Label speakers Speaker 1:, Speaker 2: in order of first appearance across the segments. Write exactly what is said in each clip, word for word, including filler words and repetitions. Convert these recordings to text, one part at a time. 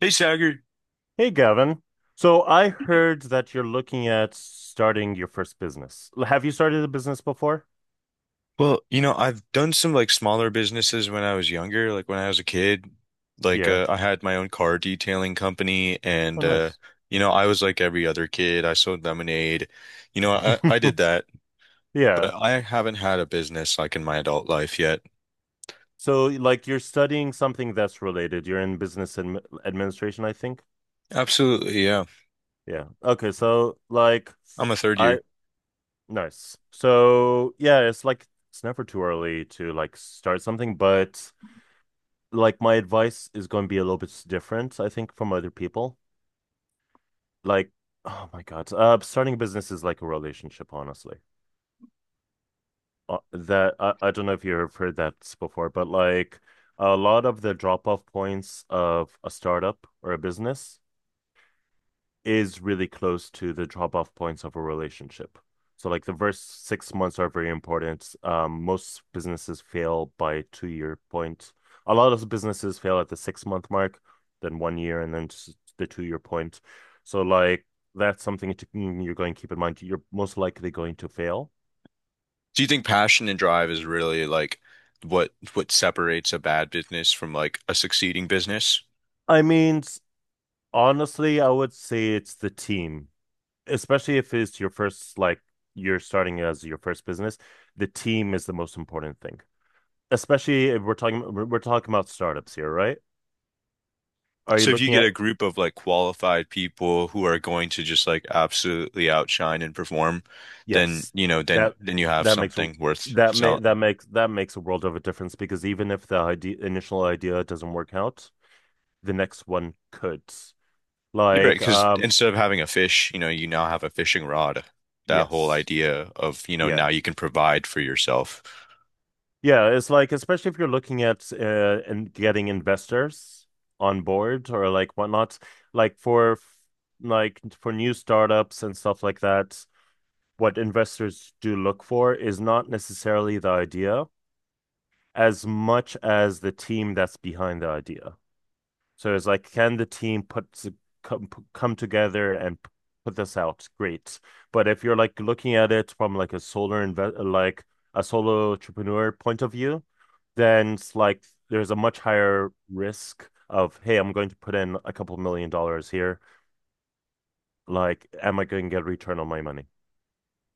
Speaker 1: Hey, Sagar.
Speaker 2: Hey, Gavin. So I heard that you're looking at starting your first business. L- Have you started a business before?
Speaker 1: Well, you know, I've done some like smaller businesses when I was younger, like when I was a kid. Like
Speaker 2: Yeah.
Speaker 1: uh, I had my own car detailing company and
Speaker 2: Oh,
Speaker 1: uh
Speaker 2: nice.
Speaker 1: you know, I was like every other kid. I sold lemonade. You know, I I did that,
Speaker 2: Yeah.
Speaker 1: but I haven't had a business like in my adult life yet.
Speaker 2: So, like, you're studying something that's related. You're in business admi administration, I think.
Speaker 1: Absolutely, yeah.
Speaker 2: Yeah. Okay. So, like,
Speaker 1: I'm a third
Speaker 2: I,
Speaker 1: year.
Speaker 2: nice. So, yeah, it's like, it's never too early to, like, start something, but, like, my advice is going to be a little bit different, I think, from other people. like oh my god, uh starting a business is like a relationship, honestly. uh, that I, I don't know if you've heard that before, but like a lot of the drop off points of a startup or a business is really close to the drop off points of a relationship. So like the first six months are very important. Um, most businesses fail by two year point. A lot of businesses fail at the six month mark, then one year, and then just the two year point. So like that's something to, mm, you're going to keep in mind. You're most likely going to fail.
Speaker 1: Do you think passion and drive is really like what what separates a bad business from like a succeeding business?
Speaker 2: I mean, honestly, I would say it's the team, especially if it's your first like you're starting as your first business. The team is the most important thing, especially if we're talking we're talking about startups here, right? Are you
Speaker 1: So if you
Speaker 2: looking
Speaker 1: get
Speaker 2: at
Speaker 1: a group of like qualified people who are going to just like absolutely outshine and perform, then
Speaker 2: yes,
Speaker 1: you know, then
Speaker 2: that
Speaker 1: then you have
Speaker 2: that makes a-
Speaker 1: something worth
Speaker 2: that may
Speaker 1: selling.
Speaker 2: that makes that makes a world of a difference, because even if the idea, initial idea doesn't work out, the next one could.
Speaker 1: You're right,
Speaker 2: Like,
Speaker 1: because
Speaker 2: um,
Speaker 1: instead of having a fish, you know, you now have a fishing rod. That whole
Speaker 2: yes,
Speaker 1: idea of, you know,
Speaker 2: yeah,
Speaker 1: now you can provide for yourself.
Speaker 2: yeah. It's like, especially if you're looking at uh, and getting investors on board or like whatnot, like for like for new startups and stuff like that, what investors do look for is not necessarily the idea as much as the team that's behind the idea. So it's like, can the team put come, come together and put this out? Great. But if you're like looking at it from like a solar invest like a solo entrepreneur point of view, then it's like there's a much higher risk of, hey, I'm going to put in a couple a couple million dollars here. Like, am I going to get a return on my money?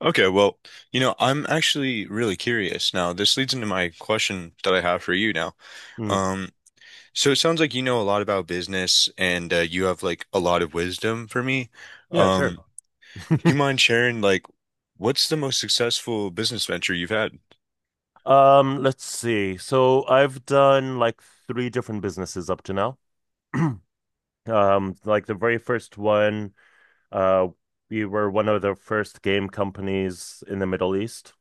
Speaker 1: Okay, well, you know, I'm actually really curious now. This leads into my question that I have for you now.
Speaker 2: Mm,
Speaker 1: Um, so it sounds like you know a lot about business and uh, you have like a lot of wisdom for me.
Speaker 2: yeah, sure.
Speaker 1: Um, Do you mind sharing, like, what's the most successful business venture you've had?
Speaker 2: Um, let's see. So I've done like three different businesses up to now. Um, like the very first one, uh, we were one of the first game companies in the Middle East.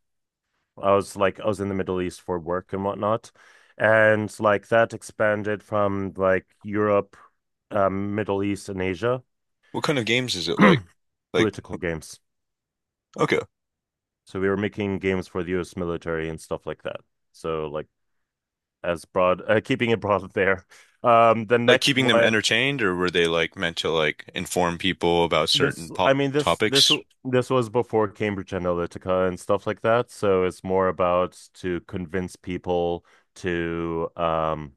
Speaker 2: I was like, I was in the Middle East for work and whatnot. And like that expanded from like Europe, um, Middle East, and Asia.
Speaker 1: What kind of games is it like? Like,
Speaker 2: Political games.
Speaker 1: okay,
Speaker 2: So we were making games for the U S military and stuff like that. So like as broad, uh, keeping it broad there. Um, the
Speaker 1: like
Speaker 2: next
Speaker 1: keeping them
Speaker 2: one.
Speaker 1: entertained, or were they like meant to like inform people about
Speaker 2: This,
Speaker 1: certain po
Speaker 2: I mean, this, this,
Speaker 1: topics?
Speaker 2: this was before Cambridge Analytica and stuff like that. So it's more about to convince people to, um,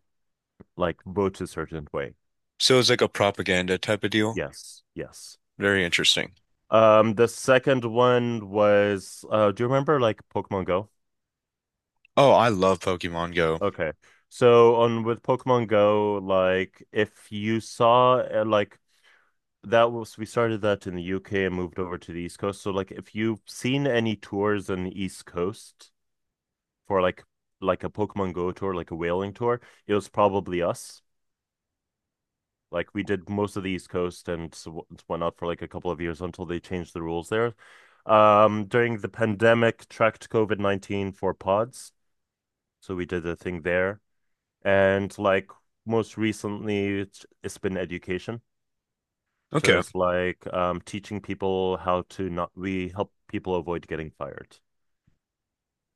Speaker 2: like vote a certain way.
Speaker 1: So it's like a propaganda type of deal.
Speaker 2: Yes, yes.
Speaker 1: Very interesting.
Speaker 2: Um, the second one was, uh, do you remember like Pokemon Go?
Speaker 1: Oh, I love Pokemon Go.
Speaker 2: Okay. So on with Pokemon Go, like if you saw uh, like that was we started that in the U K and moved over to the East Coast. So like if you've seen any tours on the East Coast for like like a Pokemon Go tour, like a whaling tour, it was probably us. Like we did most of the East Coast and s- whatnot for like a couple of years until they changed the rules there. Um, during the pandemic, tracked COVID nineteen for pods, so we did a thing there. And like most recently, it's, it's been education. So
Speaker 1: Okay.
Speaker 2: it's like um, teaching people how to not, we help people avoid getting fired.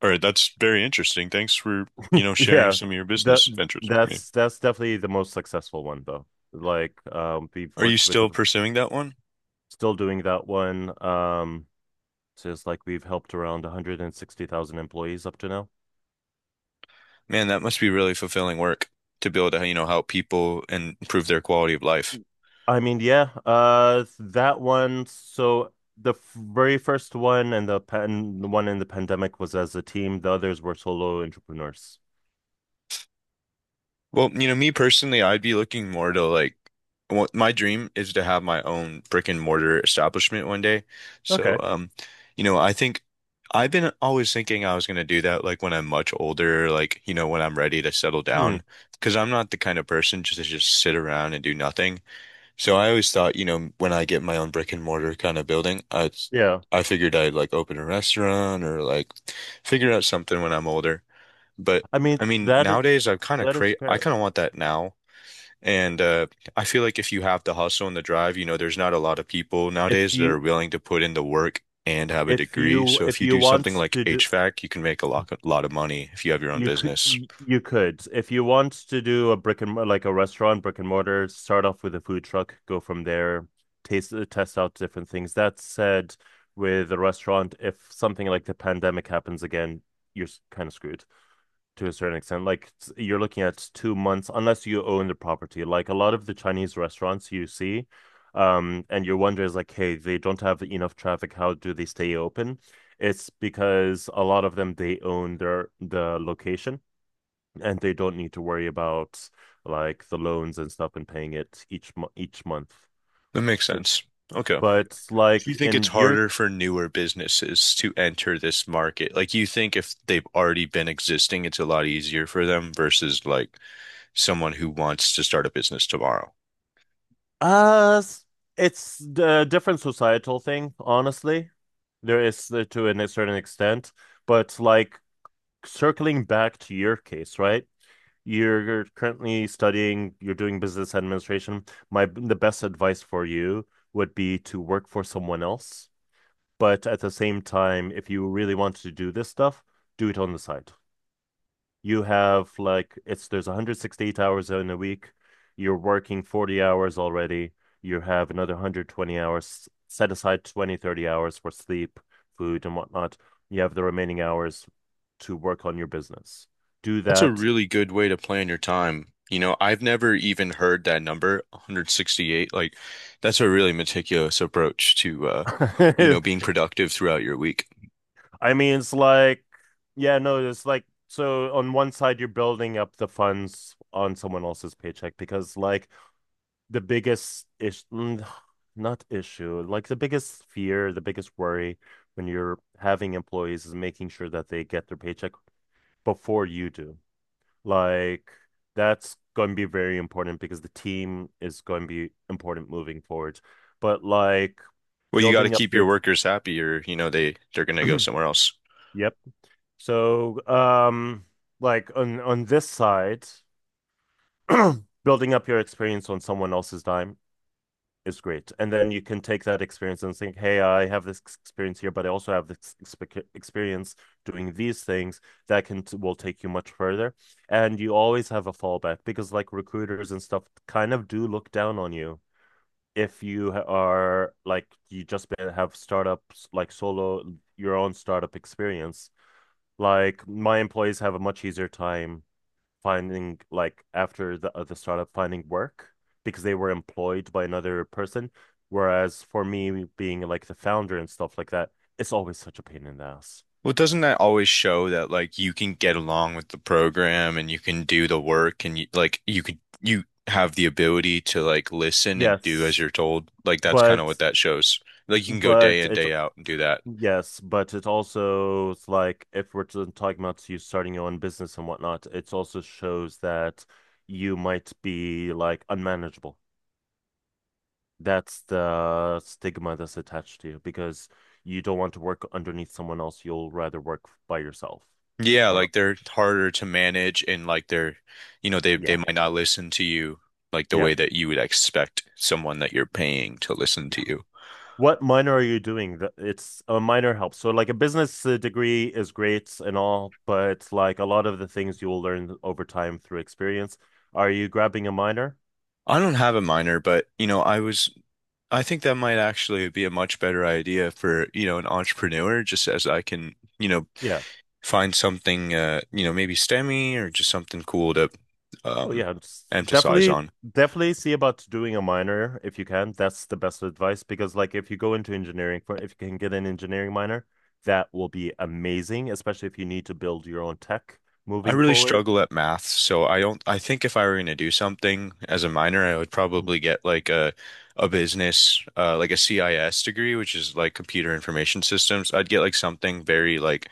Speaker 1: All right, that's very interesting. Thanks for, you know, sharing
Speaker 2: Yeah,
Speaker 1: some of your
Speaker 2: that
Speaker 1: business ventures with me.
Speaker 2: that's that's definitely the most successful one though. Like um we've
Speaker 1: Are you
Speaker 2: worked with
Speaker 1: still pursuing that one?
Speaker 2: Still doing that one. Um just like we've helped around one hundred sixty thousand employees up to now.
Speaker 1: Man, that must be really fulfilling work to be able to, you know, help people and improve their quality of life.
Speaker 2: I mean, yeah, uh that one, so the f- very first one and the pan the one in the pandemic was as a team. The others were solo entrepreneurs.
Speaker 1: Well, you know, me personally, I'd be looking more to like what my dream is to have my own brick and mortar establishment one day. So,
Speaker 2: Okay.
Speaker 1: um, you know, I think I've been always thinking I was going to do that like when I'm much older, like, you know, when I'm ready to settle
Speaker 2: Hmm.
Speaker 1: down, because I'm not the kind of person just to just sit around and do nothing. So I always thought, you know, when I get my own brick and mortar kind of building, I
Speaker 2: Yeah.
Speaker 1: I figured I'd like open a restaurant or like figure out something when I'm older. But
Speaker 2: I mean,
Speaker 1: I mean,
Speaker 2: that is
Speaker 1: nowadays I've kind of
Speaker 2: that is
Speaker 1: crave I
Speaker 2: fair.
Speaker 1: kind of want that now. And uh, I feel like if you have the hustle and the drive, you know, there's not a lot of people
Speaker 2: If
Speaker 1: nowadays that are
Speaker 2: you
Speaker 1: willing to put in the work and have a
Speaker 2: if
Speaker 1: degree.
Speaker 2: you
Speaker 1: So if
Speaker 2: if
Speaker 1: you
Speaker 2: you
Speaker 1: do something
Speaker 2: want
Speaker 1: like
Speaker 2: to do
Speaker 1: H VAC, you can make a lot, a lot of money if you have your own
Speaker 2: You could
Speaker 1: business.
Speaker 2: you could If you want to do a brick and like a restaurant brick and mortar, start off with a food truck, go from there, taste test out different things. That said, with a restaurant, if something like the pandemic happens again, you're kind of screwed. To a certain extent, like you're looking at two months, unless you own the property. Like a lot of the Chinese restaurants you see, um and your wonder is like, hey, they don't have enough traffic, how do they stay open? It's because a lot of them, they own their the location, and they don't need to worry about like the loans and stuff and paying it each mo each month.
Speaker 1: That makes
Speaker 2: So,
Speaker 1: sense. Okay.
Speaker 2: but
Speaker 1: Do
Speaker 2: like
Speaker 1: you think it's
Speaker 2: in your
Speaker 1: harder for newer businesses to enter this market? Like, you think if they've already been existing, it's a lot easier for them versus like someone who wants to start a business tomorrow?
Speaker 2: uh, it's a different societal thing, honestly. There is uh, to a certain extent, but like circling back to your case, right? You're currently studying, you're doing business administration. My The best advice for you would be to work for someone else. But at the same time, if you really want to do this stuff, do it on the side. You have like it's There's one hundred sixty-eight hours in a week. You're working forty hours already. You have another one hundred twenty hours. Set aside Twenty thirty hours for sleep, food, and whatnot. You have the remaining hours to work on your business. Do
Speaker 1: That's a
Speaker 2: that.
Speaker 1: really good way to plan your time. You know, I've never even heard that number, one hundred sixty-eight. Like, that's a really meticulous approach to, uh, you
Speaker 2: I
Speaker 1: know, being productive throughout your week.
Speaker 2: mean, it's like, yeah, no, it's like, so on one side, you're building up the funds on someone else's paycheck because, like, the biggest ish mm, not issue, like the biggest fear, the biggest worry when you're having employees is making sure that they get their paycheck before you do. Like that's going to be very important because the team is going to be important moving forward. But like
Speaker 1: Well, you got to
Speaker 2: building up
Speaker 1: keep
Speaker 2: your
Speaker 1: your
Speaker 2: ex-
Speaker 1: workers happy or, you know, they they're going to go somewhere else.
Speaker 2: yep. So um like on on this side building up your experience on someone else's dime is great. And then you can take that experience and think, hey, I have this experience here, but I also have this experience doing these things that can will take you much further. And you always have a fallback because like recruiters and stuff kind of do look down on you if you are like you just have startups like solo your own startup experience. Like my employees have a much easier time finding like after the uh, the startup finding work because they were employed by another person. Whereas for me, being like the founder and stuff like that, it's always such a pain in the ass.
Speaker 1: Well, doesn't that always show that like you can get along with the program and you can do the work and you like you could you have the ability to like listen and do as
Speaker 2: Yes,
Speaker 1: you're told? Like that's kind of
Speaker 2: but
Speaker 1: what that shows. Like you can go day
Speaker 2: but
Speaker 1: in,
Speaker 2: it
Speaker 1: day out and do that.
Speaker 2: yes, but it also it's like if we're t- talking about you starting your own business and whatnot, it also shows that you might be like unmanageable. That's the stigma that's attached to you because you don't want to work underneath someone else. You'll rather work by yourself.
Speaker 1: Yeah,
Speaker 2: Or
Speaker 1: like they're harder to manage and like they're, you know, they they
Speaker 2: yeah,
Speaker 1: might not listen to you like the
Speaker 2: yeah,
Speaker 1: way that you would expect someone that you're paying to listen
Speaker 2: yeah.
Speaker 1: to you.
Speaker 2: What minor are you doing? The- It's A minor helps. So like a business uh, degree is great and all, but like a lot of the things you will learn over time through experience. Are you grabbing a minor?
Speaker 1: I don't have a minor, but you know, I was I think that might actually be a much better idea for, you know, an entrepreneur, just as I can, you know,
Speaker 2: Yeah.
Speaker 1: find something, uh, you know, maybe STEMmy or just something cool to
Speaker 2: Oh
Speaker 1: um,
Speaker 2: yeah, it's
Speaker 1: emphasize
Speaker 2: definitely
Speaker 1: on.
Speaker 2: definitely see about doing a minor if you can. That's the best advice because like if you go into engineering for if you can get an engineering minor, that will be amazing, especially if you need to build your own tech
Speaker 1: I
Speaker 2: moving
Speaker 1: really
Speaker 2: forward.
Speaker 1: struggle at math, so I don't I think if I were going to do something as a minor, I would
Speaker 2: Mhm.
Speaker 1: probably get like a a business uh like a C I S degree, which is like computer information systems. I'd get like something very like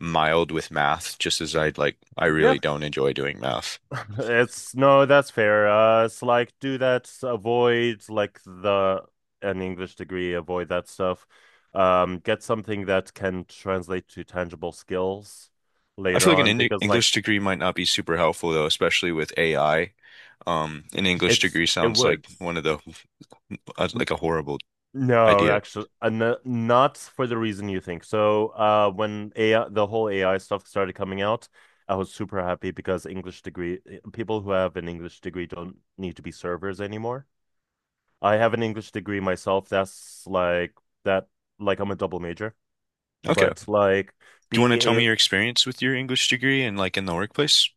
Speaker 1: mild with math, just as I'd like I
Speaker 2: Yeah,
Speaker 1: really don't enjoy doing math.
Speaker 2: it's no, that's fair. Uh, it's like do that, avoid like the an English degree, avoid that stuff. Um, get something that can translate to tangible skills
Speaker 1: I
Speaker 2: later
Speaker 1: feel like an
Speaker 2: on
Speaker 1: Eng-
Speaker 2: because like
Speaker 1: English degree might not be super helpful though, especially with A I. Um, an English
Speaker 2: it's
Speaker 1: degree
Speaker 2: it
Speaker 1: sounds like
Speaker 2: would.
Speaker 1: one of the uh, like a horrible
Speaker 2: No,
Speaker 1: idea.
Speaker 2: actually, uh, no- not for the reason you think. So, uh, when A I, the whole A I stuff started coming out, I was super happy because English degree eh, people who have an English degree don't need to be servers anymore. I have an English degree myself. That's like that, like I'm a double major,
Speaker 1: Okay.
Speaker 2: but like
Speaker 1: Do you
Speaker 2: being
Speaker 1: want to tell me your experience with your English degree and like in the workplace?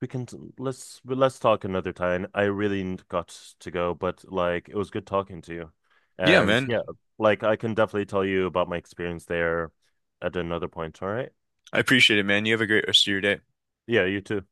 Speaker 2: we can let's well, let's talk another time. I really got to go, but like it was good talking to you.
Speaker 1: Yeah,
Speaker 2: And
Speaker 1: man.
Speaker 2: yeah, like I can definitely tell you about my experience there at another point, all right?
Speaker 1: I appreciate it, man. You have a great rest of your day.
Speaker 2: Yeah, you too.